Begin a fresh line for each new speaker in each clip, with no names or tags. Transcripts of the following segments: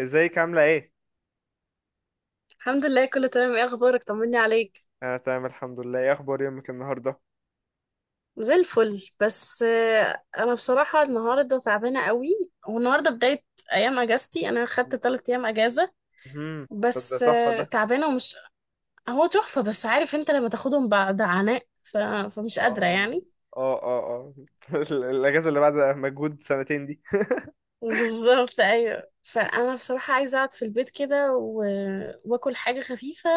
ازيك عاملة ايه؟
الحمد لله، كله تمام. ايه اخبارك؟ طمني عليك.
انا تمام الحمد لله. ايه اخبار يومك النهاردة؟
زي الفل. بس انا بصراحه النهارده تعبانه قوي، والنهارده بدايه ايام اجازتي. انا خدت 3 ايام اجازه.
امم. طب ده
بس
تحفة ده.
تعبانه ومش. هو تحفه، بس عارف انت لما تاخدهم بعد عناء فمش قادره
اه
يعني.
اه اه اه. الاجازة اللي بعد مجهود سنتين دي.
بالظبط، ايوه. فانا بصراحه عايزه اقعد في البيت كده واكل حاجه خفيفه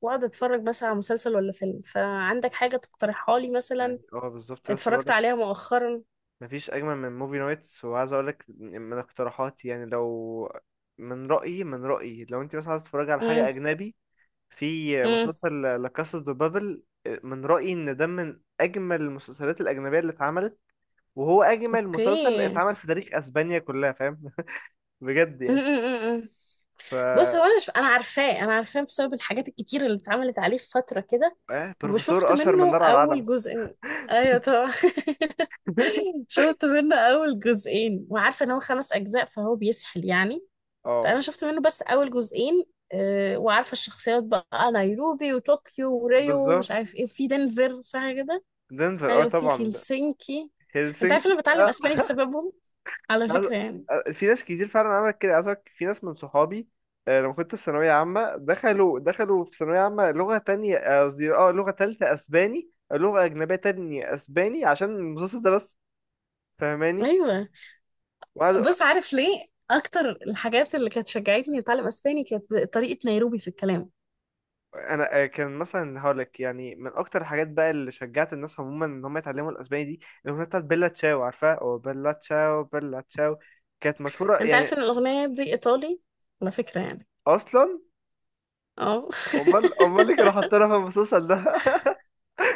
واقعد اتفرج بس على مسلسل ولا فيلم. فعندك حاجه تقترحها لي مثلا؟
يعني بالظبط، لسه
اتفرجت
بقولك
عليها مؤخرا.
مفيش اجمل من موفي نايتس. وعايز اقولك من اقتراحاتي، يعني لو من رأيي لو انت مثلا عايز تتفرج على حاجة اجنبي، في
امم.
مسلسل لا كاسا دو بابل. من رأيي ان ده من اجمل المسلسلات الاجنبية اللي اتعملت، وهو اجمل مسلسل
اوكي.
اتعمل في تاريخ اسبانيا كلها، فاهم. بجد
م- م-
يعني.
م- م.
ف
بص، هو انا انا عارفاه بسبب الحاجات الكتير اللي اتعملت عليه في فتره كده.
إيه؟
وشفت
بروفيسور اشهر من
منه
نار على العلم.
اول جزء. ايوه طبعا. شفت منه اول جزئين، وعارفه ان هو 5 اجزاء فهو بيسحل يعني. فانا
اه،
شفت منه بس اول جزئين. وعارفه الشخصيات بقى: نيروبي وطوكيو وريو ومش
بالظبط.
عارف ايه، في دنفر، صح كده؟
دنفر، اه
ايوه، في
طبعا ده.
هلسنكي. انت عارف إن
هلسنكي
انا بتعلم
اه.
اسباني بسببهم، على
عايز-
فكره يعني.
في ناس كتير فعلا عملت كده. عايز أقولك في ناس من صحابي، لما كنت في ثانوية عامة، دخلوا في ثانوية عامة لغة تانية، قصدي لغة تالتة أسباني، لغة أجنبية تانية أسباني، عشان المسلسل ده بس. فاهماني.
ايوه.
وقعد.
بص عارف ليه؟ اكتر الحاجات اللي كانت شجعتني اتعلم اسباني كانت طريقة نيروبي في الكلام.
انا كان مثلا هقولك، يعني من اكتر الحاجات بقى اللي شجعت الناس عموما ان هم يتعلموا الاسباني دي الاغنيه بتاعت بيلا تشاو، عارفها، او بيلا تشاو بيلا تشاو. كانت مشهوره
انت عارف
يعني.
ان الاغنية دي ايطالي، على فكرة يعني.
اصلا
اه.
امال امال اللي كانوا حاطينها في المسلسل ده.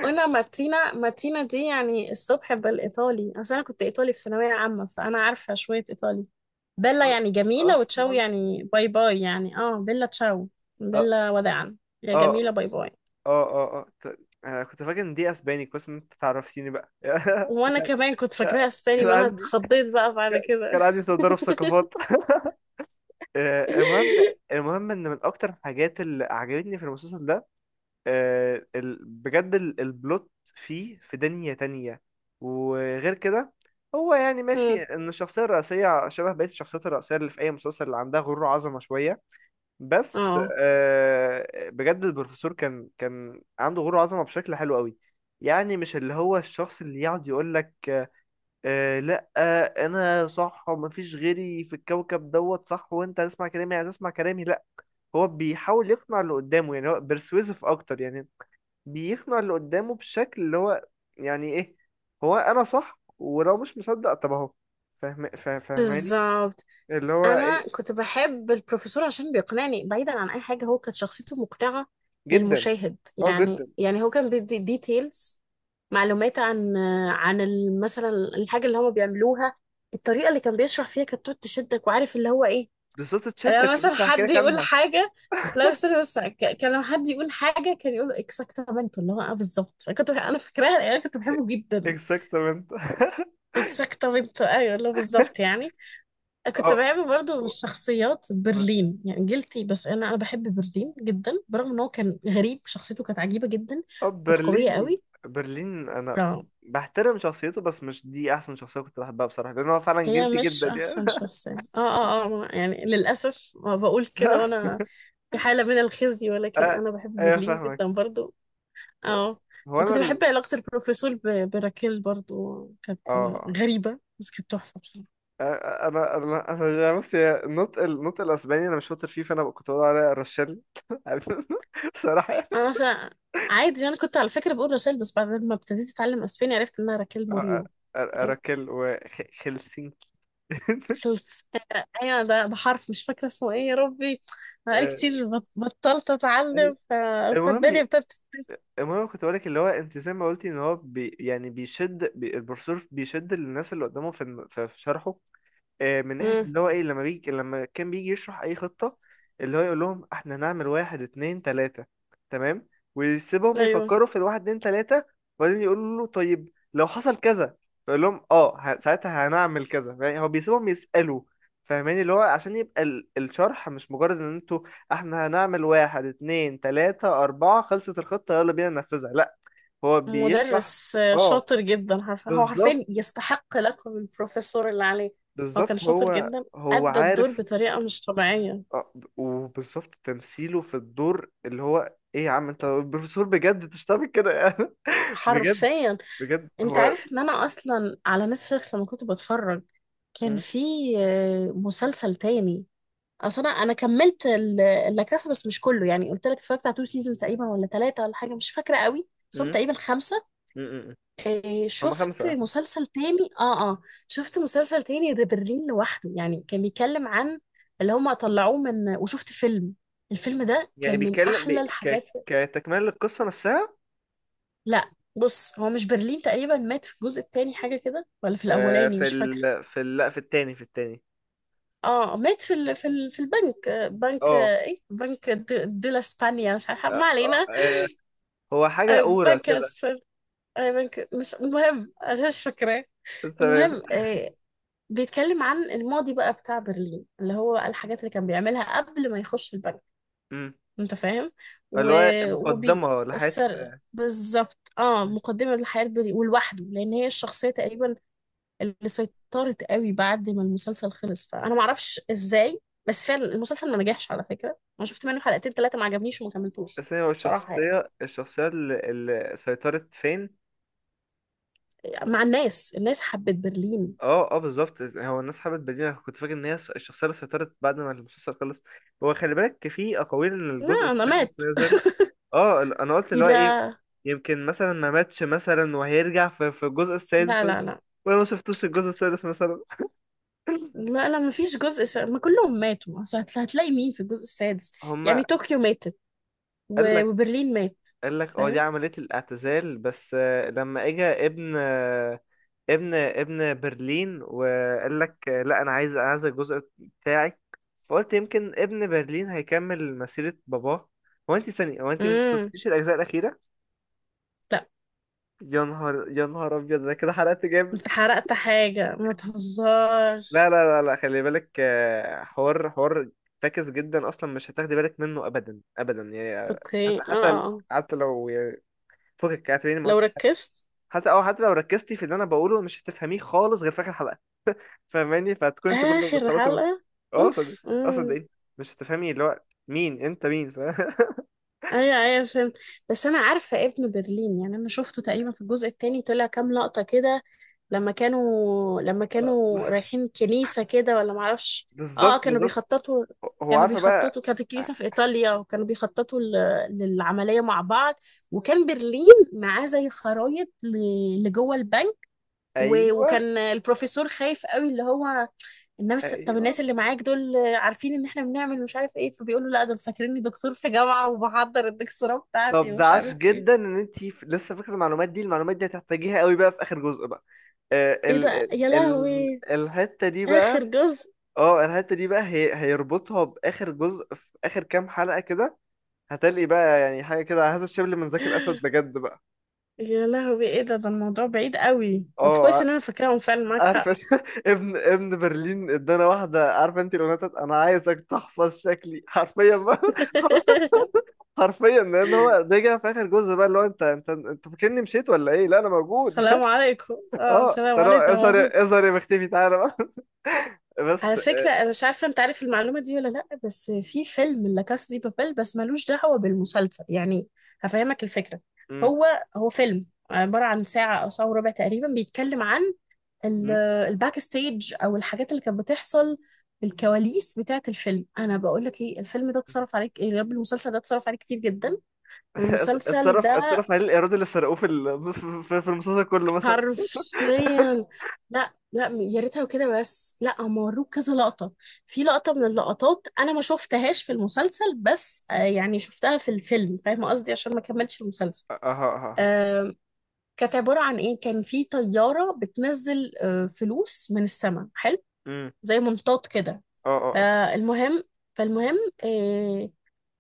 وانا ماتينا ماتينا دي يعني الصبح بالايطالي، اصل انا كنت ايطالي في ثانوية عامة، فانا عارفة شوية ايطالي. بيلا
أ-
يعني جميلة، وتشاو
اصلا.
يعني باي باي، يعني بيلا تشاو،
اه
بيلا وداعا، يا جميلة
اه
باي باي.
اه اه. آه. انا كنت فاكر ان دي اسباني. كويس ان انت تعرفتيني بقى.
وانا
كان
كمان كنت فاكراها
كان
اسباني،
كان
ما انا
عندي،
اتخضيت بقى بعد كده.
كان عندي تضارب ثقافات. المهم. المهم ان من اكتر الحاجات اللي عجبتني في المسلسل ده بجد البلوت، فيه في دنيا تانية. وغير كده، هو يعني ماشي
مم.
ان الشخصية الرئيسية شبه بقية الشخصيات الرئيسية اللي في اي مسلسل، اللي عندها غرور وعظمة شوية، بس
اه،
بجد البروفيسور كان عنده غرور وعظمة بشكل حلو قوي. يعني مش اللي هو الشخص اللي يقعد يقولك لا، انا صح ومفيش غيري في الكوكب دوت صح، وانت هتسمع كلامي يعني، هتسمع كلامي لا. هو بيحاول يقنع اللي قدامه، يعني هو persuasive اكتر يعني. بيقنع اللي قدامه بشكل اللي هو، يعني ايه، هو انا صح، ولو مش مصدق طب اهو. فاهم، فاهماني
بالظبط.
اللي هو
انا
ايه.
كنت بحب البروفيسور عشان بيقنعني بعيدا عن اي حاجه، هو كانت شخصيته مقنعه
جدا.
للمشاهد
اه جدا.
يعني هو كان بيدي ديتيلز، معلومات عن، عن مثلا الحاجه اللي هم بيعملوها. الطريقه اللي كان بيشرح فيها كانت تقعد تشدك، وعارف اللي هو ايه.
بالظبط،
لما
تشدك،
مثلا
لسه هحكي
حد
لك
يقول
عنها.
حاجه، لا استنى بس كان لما حد يقول حاجه كان يقول اكزاكتامنتو، اللي هو اه بالظبط، انا فاكراها يعني، كنت بحبه جدا.
اكزاكتamente.
اكزاكتامنتو، ايوه، اللي هو بالظبط يعني. كنت
اه
بحب برضو الشخصيات.
اه،
برلين يعني جلتي، بس انا بحب برلين جدا، برغم ان هو كان غريب. شخصيته كانت عجيبة جدا، كانت قوية
برلين.
قوي.
برلين انا
اه.
بحترم شخصيته، بس مش دي احسن شخصيه كنت بحبها بصراحه، لان هو فعلا
هي
جلتي
مش
جدا يعني.
احسن شخصية يعني، للاسف ما بقول كده وانا في حالة من الخزي، ولكن
آه،
انا بحب
ايوه،
برلين
فاهمك.
جدا برضو.
هو،
اه.
هو انا
وكنت بحب
ال...
علاقة البروفيسور براكيل برضو، كانت
اه
غريبة بس كانت تحفة بصراحة.
انا انا انا يعني، بص، هي النطق الاسباني انا مش شاطر فيه، فانا كنت بقول عليها رشال. صراحه يعني.
انا مثلا عادي، انا كنت على فكرة بقول رشال، بس بعد ما ابتديت اتعلم اسباني عرفت انها راكيل
أ-
موريو.
أ- اراكل وهلسنكي.
خلصتها. ايوه، ده بحرف مش فاكره اسمه ايه يا ربي، بقالي
آه،
كتير بطلت اتعلم
المهم.
فالدنيا ابتدت.
المهم كنت بقولك اللي هو، انت زي ما قلتي، ان هو بي يعني بيشد البروفيسور بيشد الناس اللي قدامه في الم- في في شرحه. من ناحية
امم.
اللي هو ايه، لما بيجي، لما كان بيجي يشرح اي خطة، اللي هو يقول لهم احنا هنعمل واحد اتنين تلاتة، تمام، ويسيبهم
ايوه.
يفكروا في الواحد اتنين تلاتة. وبعدين يقولوا له طيب لو حصل كذا، فيقول لهم ساعتها هنعمل كذا. يعني هو بيسيبهم يسألوا. فاهماني، اللي هو عشان يبقى الشرح مش مجرد ان انتوا، احنا هنعمل واحد اتنين تلاتة اربعة، خلصت الخطة، يلا بينا ننفذها. لا، هو بيشرح.
مدرس
اه،
شاطر جدا. هو
بالظبط.
حرفيا يستحق لقب البروفيسور اللي عليه. هو كان
بالظبط
شاطر
هو،
جدا،
هو
ادى الدور
عارف.
بطريقه مش طبيعيه،
وبالظبط تمثيله في الدور اللي هو ايه. يا عم انت بروفيسور بجد، انت مش هتعمل كده يعني. بجد،
حرفيا.
بجد
انت
هو.
عارف ان انا اصلا على نتفليكس لما كنت بتفرج كان
م-
في مسلسل تاني. اصل انا كملت اللاكاسا بس مش كله، يعني قلت لك اتفرجت على تو سيزون تقريبا ولا 3 ولا حاجه، مش فاكره قوي،
م-
بس هم تقريبا 5.
م.
إيه،
هما
شفت
خمسة.
مسلسل تاني شفت مسلسل تاني، ده برلين لوحده. يعني كان بيتكلم عن اللي هم طلعوه من، وشفت فيلم. الفيلم ده
يعني
كان من
بيتكلم
احلى الحاجات.
كتكملة للقصة نفسها.
لا، بص هو مش برلين تقريبا مات في الجزء التاني، حاجه كده، ولا في الاولاني، مش فاكره.
لا، في التاني.
اه، مات في البنك، بنك،
اه
ايه، بنك دولا اسبانيا، مش عارفه،
اه،
ما علينا.
هو حاجة أورا
بنك
كده.
أسفل، بنك، مش المهم، أنا مش فاكراه.
انت فاهم؟
المهم، بيتكلم عن الماضي بقى بتاع برلين، اللي هو الحاجات اللي كان بيعملها قبل ما يخش البنك.
م.
أنت فاهم؟ و...
اللي هو
وبي
مقدمة لحياة
السر، بالظبط. اه مقدمة للحياة البري ولوحده، لأن هي الشخصية تقريبا اللي سيطرت قوي بعد ما المسلسل خلص. فأنا معرفش إزاي، بس فعلا المسلسل ما نجحش على فكرة. أنا شفت منه حلقتين ثلاثة ما عجبنيش وما كملتوش،
السينما،
بصراحة
والشخصية
يعني.
الشخصية الشخصية اللي سيطرت فين.
مع الناس، حبت برلين.
اه اه، بالظبط. هو الناس حبت بديل، كنت فاكر ان هي الشخصيه اللي سيطرت بعد ما المسلسل خلص. هو خلي بالك، في اقاويل ان الجزء
لا، انا
السادس
مات.
نزل. اه، انا قلت
إيه
اللي هو ايه،
ده؟
يمكن مثلا ما ماتش مثلا وهيرجع في الجزء السادس
لا لا لا
وانا ما شفتوش الجزء السادس مثلا.
لا لا، ما فيش جزء ما كلهم ماتوا، أصل هتلاقي مين في الجزء السادس؟ يعني
هما.
طوكيو ماتت
قال
و...
لك
وبرلين مات.
قال لك اه، دي
فاهم؟
عمليه الاعتزال بس. لما اجى ابن برلين وقال لك لا، انا عايز الجزء بتاعي. فقلت يمكن ابن برلين هيكمل مسيرة باباه. هو انت ثانية، هو انت مش
امم.
شفتيش الاجزاء الاخيرة؟
لا،
يا نهار، يا نهار ابيض، انا كده حرقت جامد.
انت حرقت حاجة، ما تهزرش.
لا لا لا لا، خلي بالك، حوار، حوار فاكس جدا اصلا، مش هتاخدي بالك منه ابدا ابدا يعني.
اوكي،
حتى لو يعني، فكك، اعتبريني ما
لو
قلتش حاجة.
ركزت.
حتى لو ركزتي في اللي انا بقوله، مش هتفهميه خالص غير في اخر حلقة. فاهماني، فهتكون انت برضه
اخر
بتخلصي
حلقة.
اه، صدق.
اوف.
اه، صدقيني، مش هتفهمي اللي هو مين انت، مين
ايوه ايوه، فهمت. بس انا عارفة ابن برلين، يعني انا شفته تقريبا في الجزء التاني، طلع كام لقطة كده لما كانوا لما
آه،
كانوا رايحين كنيسة كده ولا معرفش. اه،
بالظبط
كانوا
بالظبط،
بيخططوا.
هو
كانوا
عارفه بقى.
بيخططوا، كانت الكنيسة في إيطاليا، وكانوا بيخططوا للعملية مع بعض. وكان برلين معاه زي خرايط لجوه البنك. و-
ايوه
وكان البروفيسور خايف قوي، اللي هو الناس، طب
ايوه.
الناس اللي معاك دول عارفين ان احنا بنعمل مش عارف ايه؟ فبيقولوا لا، دول فاكريني دكتور في جامعة وبحضر الدكتوراه بتاعتي
طب ده
ومش
عاش
عارف ايه.
جدا ان انت لسه فاكره المعلومات دي، المعلومات دي هتحتاجيها قوي بقى في اخر جزء بقى. آه،
ايه
ال
ده
ال
يا
ال
لهوي؟
الحته دي بقى.
اخر جزء؟
اه، الحته دي بقى هي هيربطها باخر جزء في اخر كام حلقه كده. هتلاقي بقى يعني حاجه كده، هذا الشبل من ذاك الاسد بجد بقى.
يا لهوي، ايه ده الموضوع بعيد قوي. طب كويس
اه،
ان انا فاكراهم، فعلا معاك
عارف
حق.
انت؟ ابن برلين ادانا واحده، عارف انت الاغنيه بتاعت انا عايزك تحفظ شكلي، حرفيا بقى. حرفيا، لان هو رجع في اخر جزء بقى اللي هو، انت فاكرني مشيت ولا ايه؟ لا، انا موجود.
السلام عليكم، اه،
اه،
السلام
ثروت،
عليكم، انا موجود.
اظهر اظهر يا مختفي، تعالى بقى.
على
بس.
فكره، انا مش عارفه انت عارف المعلومه دي ولا لا، بس في فيلم لا كاسا دي بابيل، بس ملوش دعوه بالمسلسل يعني. هفهمك الفكره.
مم.
هو هو فيلم، عباره عن ساعه او ساعه وربع تقريبا، بيتكلم عن ال-
مم.
الباك ستيج، او الحاجات اللي كانت بتحصل، الكواليس بتاعت الفيلم. انا بقول لك ايه، الفيلم ده اتصرف عليك، ايه يا رب، المسلسل ده اتصرف عليه كتير جدا.
اتص-
المسلسل
اتصرف
ده
اتصرف عليه الايراد اللي سرقوه في المسلسل كله مثلا.
حرفيا، لا لا يا ريتها كده، بس لا هم وروك كذا لقطة. في لقطة من اللقطات انا ما شفتهاش في المسلسل، بس يعني شفتها في الفيلم، فاهمة قصدي؟ عشان ما كملتش المسلسل.
اه اه اه اه.
آه، كانت عبارة عن ايه؟ كان في طيارة بتنزل فلوس من السماء، حلو،
مم.
زي منطاد كده.
اه اه اه.
فالمهم فالمهم، آه،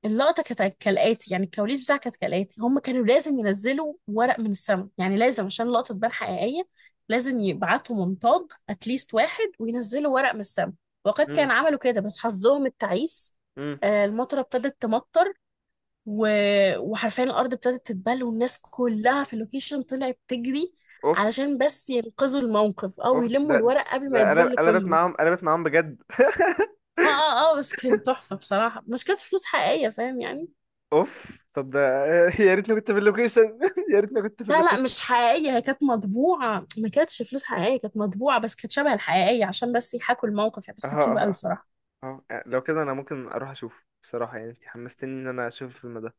اللقطة كانت كالآتي، يعني الكواليس بتاعها كانت كالآتي: هم كانوا لازم ينزلوا ورق من السما، يعني لازم عشان اللقطة تبان حقيقية، لازم يبعتوا منطاد اتليست واحد وينزلوا ورق من السما. وقد
مم.
كان، عملوا كده، بس حظهم التعيس
مم.
المطرة ابتدت تمطر، و... وحرفيا الأرض ابتدت تتبل، والناس كلها في اللوكيشن طلعت تجري
اوف.
علشان بس ينقذوا الموقف، أو
اوف
يلموا
ده،
الورق قبل ما
ده انا
يتبل
انا
كله.
بسمعهم، انا بسمعهم بجد.
اه بس كان تحفة بصراحة، مش كانت فلوس حقيقية، فاهم يعني.
اوف، طب ده. يا ريتني كنت في اللوكيشن. يا ريتني كنت في
لا لا،
اللوكيشن.
مش حقيقية، هي كانت مطبوعة، ما كانتش فلوس حقيقية، كانت مطبوعة بس كانت شبه الحقيقية عشان بس يحاكوا الموقف، يعني
اه
بس كانت
اه
حلوة قوي
اه
بصراحة.
اه. أه. لو كده انا ممكن اروح اشوف بصراحه يعني، انت حمستني ان انا اشوف الفيلم ده.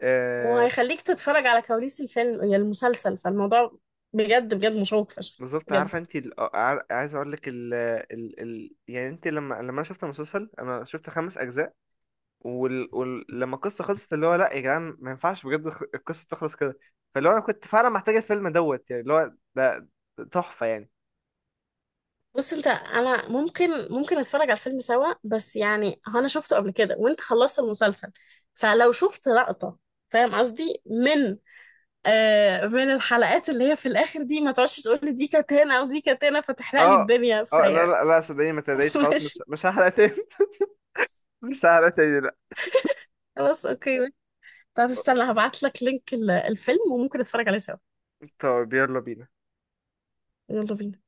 آه
وهيخليك تتفرج على كواليس الفيلم يا المسلسل، فالموضوع بجد بجد مشوق فشخ.
بالظبط. عارفه
بجد.
انت عايز اقول لك يعني انت، لما انا شفت المسلسل انا شفت خمس اجزاء. لما القصه خلصت اللي هو لا يا جدعان، ما ينفعش بجد القصه تخلص كده. فاللي هو انا كنت فعلا محتاج الفيلم دوت يعني، اللي هو ده تحفه يعني.
بص انت، انا ممكن اتفرج على الفيلم سوا، بس يعني هو انا شفته قبل كده، وانت خلصت المسلسل، فلو شفت لقطة، فاهم قصدي، من من الحلقات اللي هي في الاخر دي، ما تقعدش تقول لي دي كانت هنا ودي كانت هنا فتحرق لي
اه
الدنيا،
اه. لا
فيعني.
لا لا، صدقني ما تلاقيش خلاص، مش
ماشي.
مش هحرق تاني. مش هحرق تاني، لا.
خلاص، اوكي. طب استنى، هبعت لك لينك الفيلم، وممكن نتفرج عليه سوا.
طب يلا بينا.
يلا بينا.